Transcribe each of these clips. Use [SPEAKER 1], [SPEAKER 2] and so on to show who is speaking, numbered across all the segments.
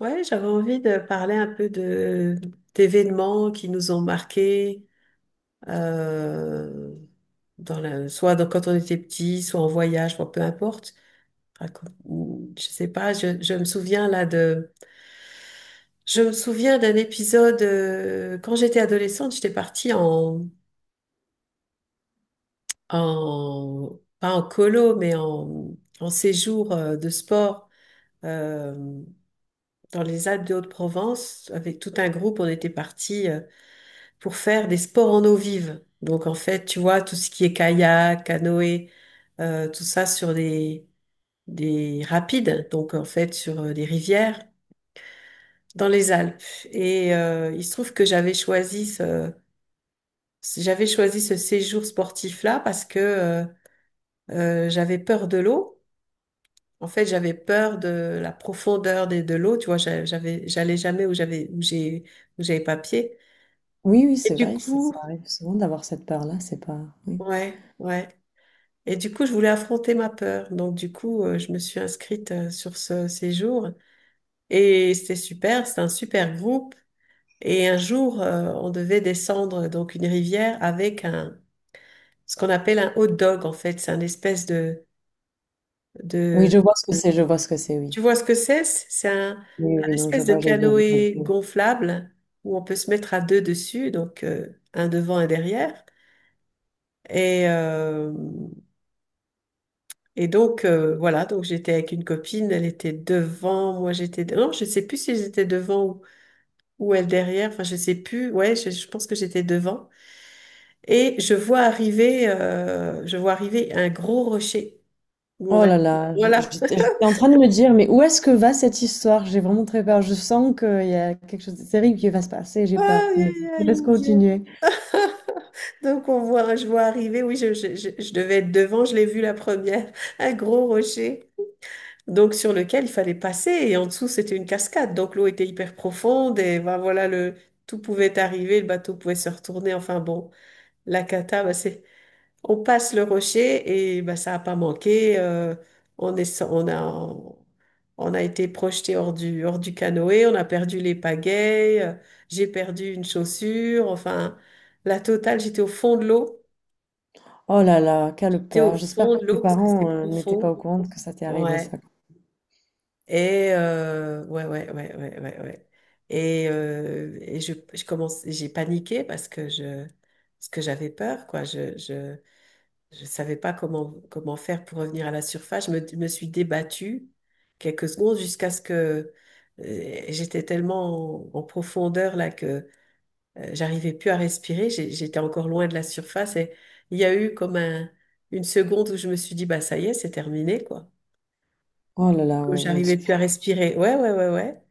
[SPEAKER 1] Ouais, j'avais envie de parler un peu de d'événements qui nous ont marqués, euh, dans la, soit quand on était petit, soit en voyage, bon, peu importe. Je sais pas, je me souviens là je me souviens d'un épisode quand j'étais adolescente, j'étais partie en, en pas en colo, mais en, en séjour de sport euh, dans les Alpes de Haute-Provence avec tout un groupe. On était partis, pour faire des sports en eau vive. Donc en fait, tu vois, tout ce qui est kayak, canoë, tout ça sur des rapides, donc en fait sur des rivières dans les Alpes. Il se trouve que j'avais choisi ce séjour sportif-là parce que j'avais peur de l'eau. En fait, j'avais peur de la profondeur de l'eau. Tu vois, j'allais jamais où où j'avais pas pied.
[SPEAKER 2] Oui, oui,
[SPEAKER 1] Et
[SPEAKER 2] c'est
[SPEAKER 1] du
[SPEAKER 2] vrai, ça
[SPEAKER 1] coup,
[SPEAKER 2] arrive souvent d'avoir cette peur-là, c'est pas... Oui.
[SPEAKER 1] ouais, ouais. Et du coup, je voulais affronter ma peur. Donc, du coup, je me suis inscrite sur ce séjour et c'était super. C'était un super groupe. Et un jour, on devait descendre donc une rivière avec un ce qu'on appelle un hot dog. En fait, c'est un espèce de
[SPEAKER 2] Oui,
[SPEAKER 1] de
[SPEAKER 2] je vois ce que c'est, je vois ce que c'est, oui.
[SPEAKER 1] tu vois ce que c'est? C'est
[SPEAKER 2] Oui,
[SPEAKER 1] un
[SPEAKER 2] oui, non, je
[SPEAKER 1] espèce de
[SPEAKER 2] vois, j'ai vu. J'ai
[SPEAKER 1] canoë
[SPEAKER 2] vu.
[SPEAKER 1] gonflable où on peut se mettre à deux dessus, donc un devant et derrière. Et euh, Et donc, voilà, donc j'étais avec une copine, elle était devant, moi j'étais... Non, je sais plus si j'étais devant ou elle derrière, enfin je sais plus, ouais, je pense que j'étais devant. Et je vois arriver un gros rocher où on a...
[SPEAKER 2] Oh là là, je-
[SPEAKER 1] Voilà.
[SPEAKER 2] j'étais j'étais en train de me dire, mais où est-ce que va cette histoire? J'ai vraiment très peur. Je sens qu'il y a quelque chose de terrible qui va se passer, j'ai
[SPEAKER 1] Aïe,
[SPEAKER 2] peur. Mais
[SPEAKER 1] aïe,
[SPEAKER 2] je
[SPEAKER 1] aïe,
[SPEAKER 2] te laisse
[SPEAKER 1] mon Dieu.
[SPEAKER 2] continuer.
[SPEAKER 1] Donc on voit, je vois arriver, oui, je devais être devant, je l'ai vu la première, un gros rocher, donc sur lequel il fallait passer et en dessous c'était une cascade, donc l'eau était hyper profonde et ben voilà, le tout pouvait arriver, le bateau pouvait se retourner, enfin bon, la cata. Ben, c'est on passe le rocher et ben ça a pas manqué. On est so-, on a on a été projeté hors du canoë, on a perdu les pagaies, j'ai perdu une chaussure, enfin la totale. J'étais au fond de l'eau,
[SPEAKER 2] Oh là là, quelle
[SPEAKER 1] j'étais au
[SPEAKER 2] peur. J'espère
[SPEAKER 1] fond
[SPEAKER 2] que
[SPEAKER 1] de
[SPEAKER 2] tes
[SPEAKER 1] l'eau parce que c'était
[SPEAKER 2] parents n'étaient pas
[SPEAKER 1] profond,
[SPEAKER 2] au courant que ça t'est arrivé, ça.
[SPEAKER 1] ouais. Et ouais, ouais, ouais, ouais, ouais, ouais. Et je commence, j'ai paniqué parce que je, parce que j'avais peur, quoi. Je savais pas comment, comment faire pour revenir à la surface. Me suis débattue quelques secondes jusqu'à ce que j'étais tellement en, en profondeur là que j'arrivais plus à respirer. J'étais encore loin de la surface et il y a eu comme un, une seconde où je me suis dit, bah ça y est, c'est terminé, quoi.
[SPEAKER 2] Oh là là,
[SPEAKER 1] Comme
[SPEAKER 2] ouais, non.
[SPEAKER 1] j'arrivais plus à respirer. Ouais, ouais, ouais, ouais.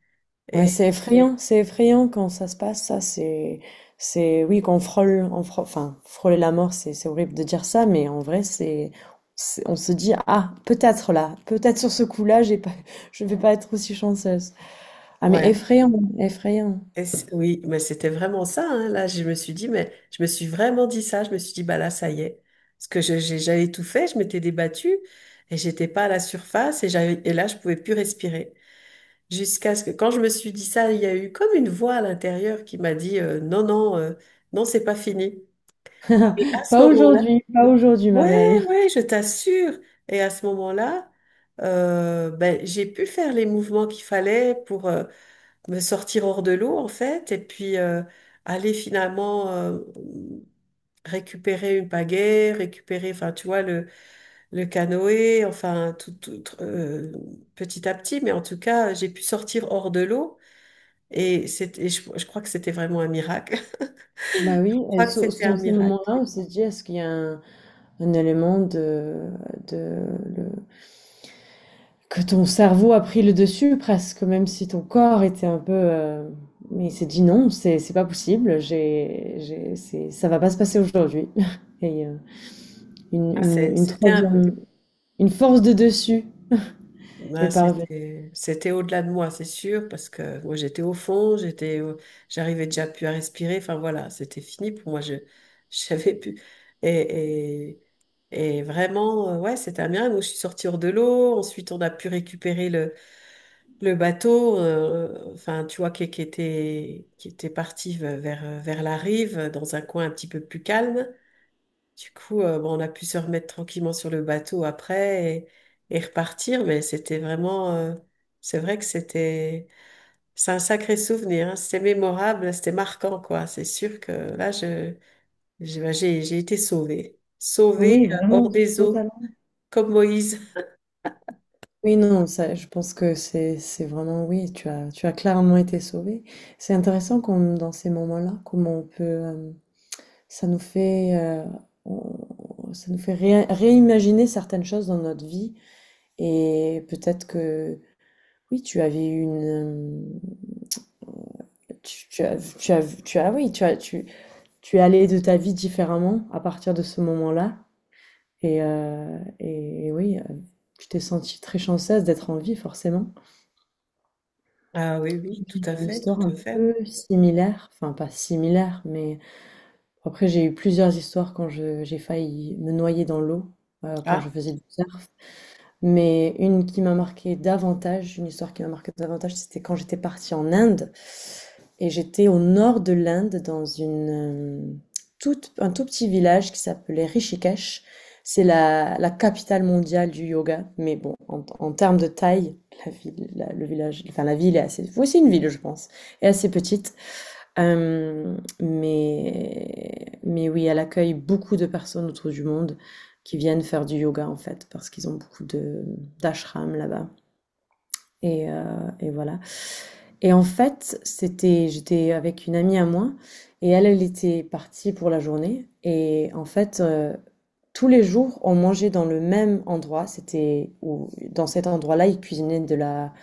[SPEAKER 2] Ouais, c'est effrayant quand ça se passe, ça, c'est, oui, qu'on frôle, on frôle, enfin, frôler la mort, c'est horrible de dire ça, mais en vrai, on se dit, ah, peut-être là, peut-être sur ce coup-là, j'ai pas, je vais pas être aussi chanceuse. Ah, mais
[SPEAKER 1] Ouais,
[SPEAKER 2] effrayant, effrayant.
[SPEAKER 1] et c'est- oui, mais c'était vraiment ça, hein. Là, je me suis dit, mais je me suis vraiment dit ça. Je me suis dit, bah là, ça y est. Parce que j'avais tout fait, je m'étais débattue et j'étais pas à la surface et j'avais, et là, je pouvais plus respirer. Jusqu'à ce que, quand je me suis dit ça, il y a eu comme une voix à l'intérieur qui m'a dit, non, non, non, c'est pas fini. Et à ce
[SPEAKER 2] Pas
[SPEAKER 1] moment-là,
[SPEAKER 2] aujourd'hui, pas aujourd'hui, ma
[SPEAKER 1] ouais,
[SPEAKER 2] belle.
[SPEAKER 1] ouais, je t'assure. Et à ce moment-là, ben, j'ai pu faire les mouvements qu'il fallait pour, me sortir hors de l'eau en fait, et puis aller finalement récupérer une pagaie, récupérer, enfin tu vois, le canoë, enfin tout, tout, petit à petit, mais en tout cas, j'ai pu sortir hors de l'eau et, c'était- et je crois que c'était vraiment un miracle.
[SPEAKER 2] Bah oui,
[SPEAKER 1] Je
[SPEAKER 2] et
[SPEAKER 1] crois que c'était
[SPEAKER 2] dans
[SPEAKER 1] un
[SPEAKER 2] ces
[SPEAKER 1] miracle.
[SPEAKER 2] moments-là, on se dit, est-ce qu'il y a un élément de, que ton cerveau a pris le dessus presque, même si ton corps était un peu... mais il s'est dit non, c'est pas possible, c'est, ça va pas se passer aujourd'hui. Et une,
[SPEAKER 1] Ah,
[SPEAKER 2] une,
[SPEAKER 1] c'est-
[SPEAKER 2] une
[SPEAKER 1] C'était un,
[SPEAKER 2] troisième, une force de dessus est
[SPEAKER 1] ouais,
[SPEAKER 2] parvenue.
[SPEAKER 1] c'était au-delà de moi, c'est sûr, parce que moi j'étais au fond, j'arrivais déjà plus à respirer. Enfin voilà, c'était fini pour moi. Je j'avais plus et, et et vraiment ouais, c'était un miracle. Donc, je suis sortie hors de l'eau. Ensuite, on a pu récupérer le bateau, enfin, tu vois qui était parti vers vers la rive dans un coin un petit peu plus calme. Du coup, bon, on a pu se remettre tranquillement sur le bateau après et repartir, mais c'était vraiment, c'est vrai que c'était, c'est un sacré souvenir, hein. C'était mémorable, c'était marquant, quoi. C'est sûr que là, je, j'ai, bah, j'ai été sauvée, sauvée
[SPEAKER 2] Oui, vraiment,
[SPEAKER 1] hors des eaux,
[SPEAKER 2] totalement.
[SPEAKER 1] comme Moïse.
[SPEAKER 2] Oui, non, ça, je pense que c'est vraiment, oui, tu as clairement été sauvé. C'est intéressant comme dans ces moments-là, comment on peut, ça nous fait, ça nous fait réimaginer certaines choses dans notre vie. Et peut-être que oui, tu avais une euh, tu, tu as tu as tu as oui, tu as tu tu es allé de ta vie différemment à partir de ce moment-là, et oui, tu t'es sentie très chanceuse d'être en vie forcément.
[SPEAKER 1] Ah oui, oui, tout
[SPEAKER 2] J'ai
[SPEAKER 1] à
[SPEAKER 2] une
[SPEAKER 1] fait,
[SPEAKER 2] histoire
[SPEAKER 1] tout à
[SPEAKER 2] un
[SPEAKER 1] fait,
[SPEAKER 2] peu
[SPEAKER 1] oui.
[SPEAKER 2] similaire, enfin pas similaire, mais après j'ai eu plusieurs histoires quand je j'ai failli me noyer dans l'eau quand je
[SPEAKER 1] Ah,
[SPEAKER 2] faisais du surf. Mais une qui m'a marquée davantage, une histoire qui m'a marquée davantage, c'était quand j'étais partie en Inde. Et j'étais au nord de l'Inde, dans une, euh, un tout petit village qui s'appelait Rishikesh. C'est la, la capitale mondiale du yoga. Mais bon, en, en termes de taille, la ville, le village, enfin la ville est assez... Oui, c'est une ville, je pense. Est assez petite. Mais oui, elle accueille beaucoup de personnes autour du monde qui viennent faire du yoga, en fait, parce qu'ils ont beaucoup de d'ashrams là-bas, et heu et voilà, et en fait, c'était j'étais avec une amie à moi, et elle, elle était partie pour la journée, et en fait, tous les jours, on mangeait dans le même endroit. C'était où dans cet endroit-là, ils cuisinaient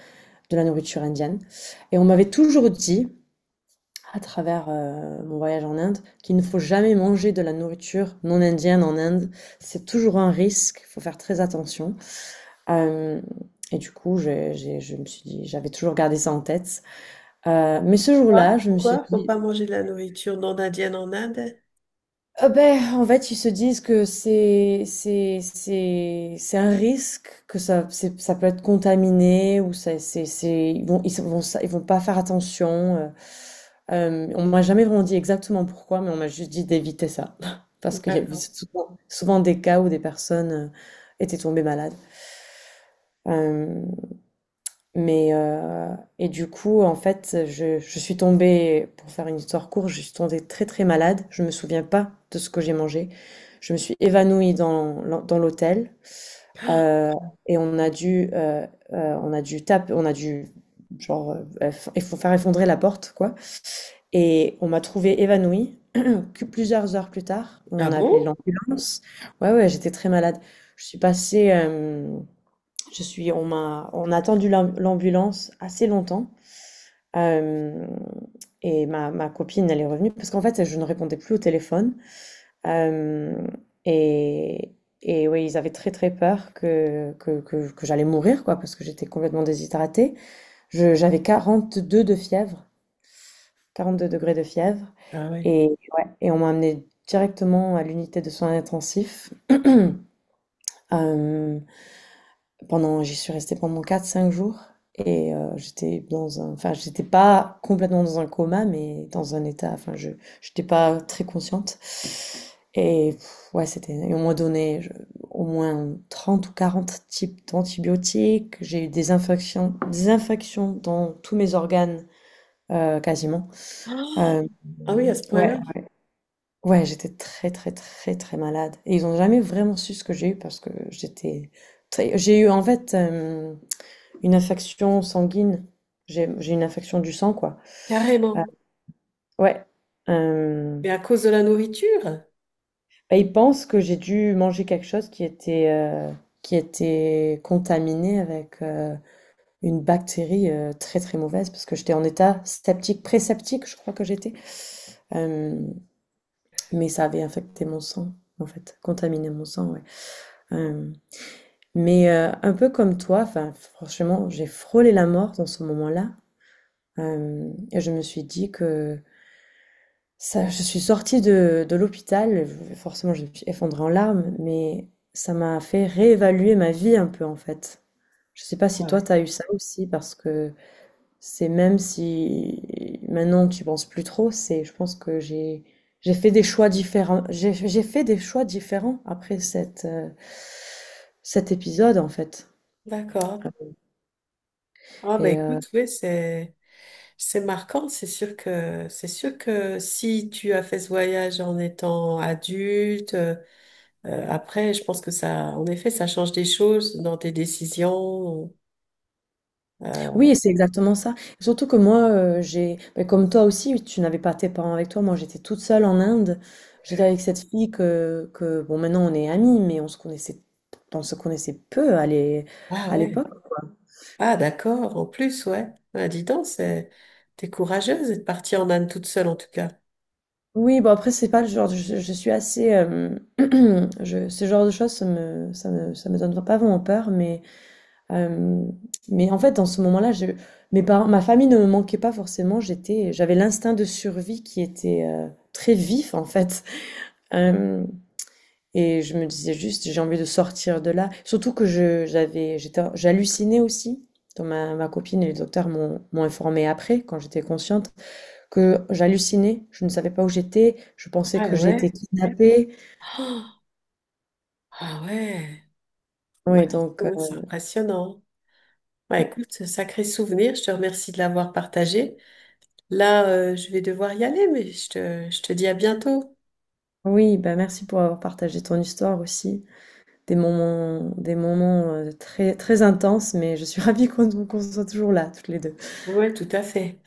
[SPEAKER 2] de la nourriture indienne, et on m'avait toujours dit à travers mon voyage en Inde, qu'il ne faut jamais manger de la nourriture non indienne en Inde. C'est toujours un risque, il faut faire très attention. Euh, et du coup, je me suis dit, j'avais toujours gardé ça en tête. Mais ce
[SPEAKER 1] quoi?
[SPEAKER 2] jour-là, je me suis
[SPEAKER 1] Pourquoi? Faut
[SPEAKER 2] dit,
[SPEAKER 1] pas manger de la nourriture non indienne en Inde?
[SPEAKER 2] ah ben, en fait, ils se disent que c'est un risque, que ça peut être contaminé, ou ça c'est ils vont pas faire attention. euh. On m'a jamais vraiment dit exactement pourquoi, mais on m'a juste dit d'éviter ça parce qu'il y a eu
[SPEAKER 1] D'accord.
[SPEAKER 2] souvent, souvent des cas où des personnes étaient tombées malades. Euh, mais heu et du coup, en fait, je suis tombée, pour faire une histoire courte, je suis tombée très, très malade. Je me souviens pas de ce que j'ai mangé. Je me suis évanouie dans l'hôtel, heu et heu, on a dû tape on a dû genre, eff il faut faire effondrer la porte, quoi, et on m'a trouvée évanouie que plusieurs heures plus tard.
[SPEAKER 1] Ah
[SPEAKER 2] On a appelé
[SPEAKER 1] bon?
[SPEAKER 2] l'ambulance. Ouais, ouais, j'étais très malade. Je suis passée, hem, je suis on m'a on a attendu l'ambulance assez longtemps. Hem Et ma copine, elle est revenue parce qu'en fait, je ne répondais plus au téléphone. Hem et et oui, ils avaient très, très peur que j'allais mourir, quoi, parce que j'étais complètement déshydratée. Je j'avais 42 de fièvre, 42 degrés de fièvre,
[SPEAKER 1] Ah oui.
[SPEAKER 2] et ouais, et on m'a emmenée directement à l'unité de soins intensifs. Hem Pendant j'y suis restée pendant 4, 5 jours, et j'étais dans un, enfin j'étais pas complètement dans un coma, mais dans un état, enfin je j'étais pas très consciente, et pff, ouais, c'était, et on m'a donné je au moins 30 ou 40 types d'antibiotiques. J'ai eu des infections, dans tous mes organes, quasiment.
[SPEAKER 1] Ah
[SPEAKER 2] Hem,
[SPEAKER 1] ah oui, à ce
[SPEAKER 2] ouais,
[SPEAKER 1] point-là,
[SPEAKER 2] ouais, j'étais très, très, très, très malade, et ils ont jamais vraiment su ce que j'ai eu parce que j'étais très j'ai eu en fait, hem une infection sanguine. J'ai une infection du sang, quoi. Ah,
[SPEAKER 1] carrément.
[SPEAKER 2] ouais.
[SPEAKER 1] Mais
[SPEAKER 2] Hem,
[SPEAKER 1] à cause de la nourriture?
[SPEAKER 2] bah, ils pensent que j'ai dû manger quelque chose qui était contaminé avec, une bactérie, très, très mauvaise, parce que j'étais en état septique, pré-septique, je crois que j'étais. Hem, mais ça avait infecté mon sang, en fait, contaminé mon sang, ouais. Hem, mais, un peu comme toi, enfin, franchement, j'ai frôlé la mort dans ce moment-là. Et je me suis dit que ça, je suis sortie de l'hôpital, je forcément, je me suis effondrée en larmes, mais ça m'a fait réévaluer ma vie un peu, en fait. Je sais pas
[SPEAKER 1] Ah
[SPEAKER 2] si toi,
[SPEAKER 1] ouais.
[SPEAKER 2] t'as eu ça aussi, parce que c'est, même si maintenant tu penses plus trop, c'est je pense que j'ai fait des choix différents. J'ai fait des choix différents après cette, cet épisode, en fait.
[SPEAKER 1] D'accord. Ah bah
[SPEAKER 2] Et
[SPEAKER 1] écoute, oui, c'est marquant. C'est sûr que si tu as fait ce voyage en étant adulte, après, je pense que ça, en effet, ça change des choses dans tes décisions. Euh,
[SPEAKER 2] oui, c'est exactement ça. Surtout que moi, j'ai, ben, comme toi aussi, tu n'avais pas tes parents avec toi. Moi, j'étais toute seule en Inde. J'étais avec cette fille que, bon, maintenant on est amis, mais on se connaissait peu
[SPEAKER 1] ah
[SPEAKER 2] à
[SPEAKER 1] ouais.
[SPEAKER 2] l'époque.
[SPEAKER 1] Ah d'accord. En plus, ouais. Ah, dis donc, c'est t'es courageuse d'être partie en Inde toute seule en tout cas.
[SPEAKER 2] Oui, bon après, c'est pas le genre, je suis assez, je, ce genre de choses, ça me donne pas vraiment peur, euh, mais en fait, dans ce moment-là, je, mes parents, ma famille ne me manquait pas forcément. J'étais, j'avais l'instinct de survie qui était très vif, en fait. Hem Et je me disais juste: «J'ai envie de sortir de là». Surtout que je j'avais, j'étais, j'hallucinais aussi, dont ma copine et les docteurs m'ont informé après, quand j'étais consciente, que j'hallucinais, je ne savais pas où j'étais, je pensais
[SPEAKER 1] Ah
[SPEAKER 2] que j'étais
[SPEAKER 1] ouais.
[SPEAKER 2] kidnappée.
[SPEAKER 1] Oh, ah ouais. Ouais,
[SPEAKER 2] Ouais, donc
[SPEAKER 1] ouais, c'est impressionnant. Bah écoute, sacré souvenir, je te remercie de l'avoir partagé. Là, je vais devoir y aller, mais je te dis à bientôt.
[SPEAKER 2] oui, bah, merci pour avoir partagé ton histoire aussi. Des moments, très très intenses, mais je suis ravie qu'on soit toujours là toutes les 2.
[SPEAKER 1] Ouais, tout à fait.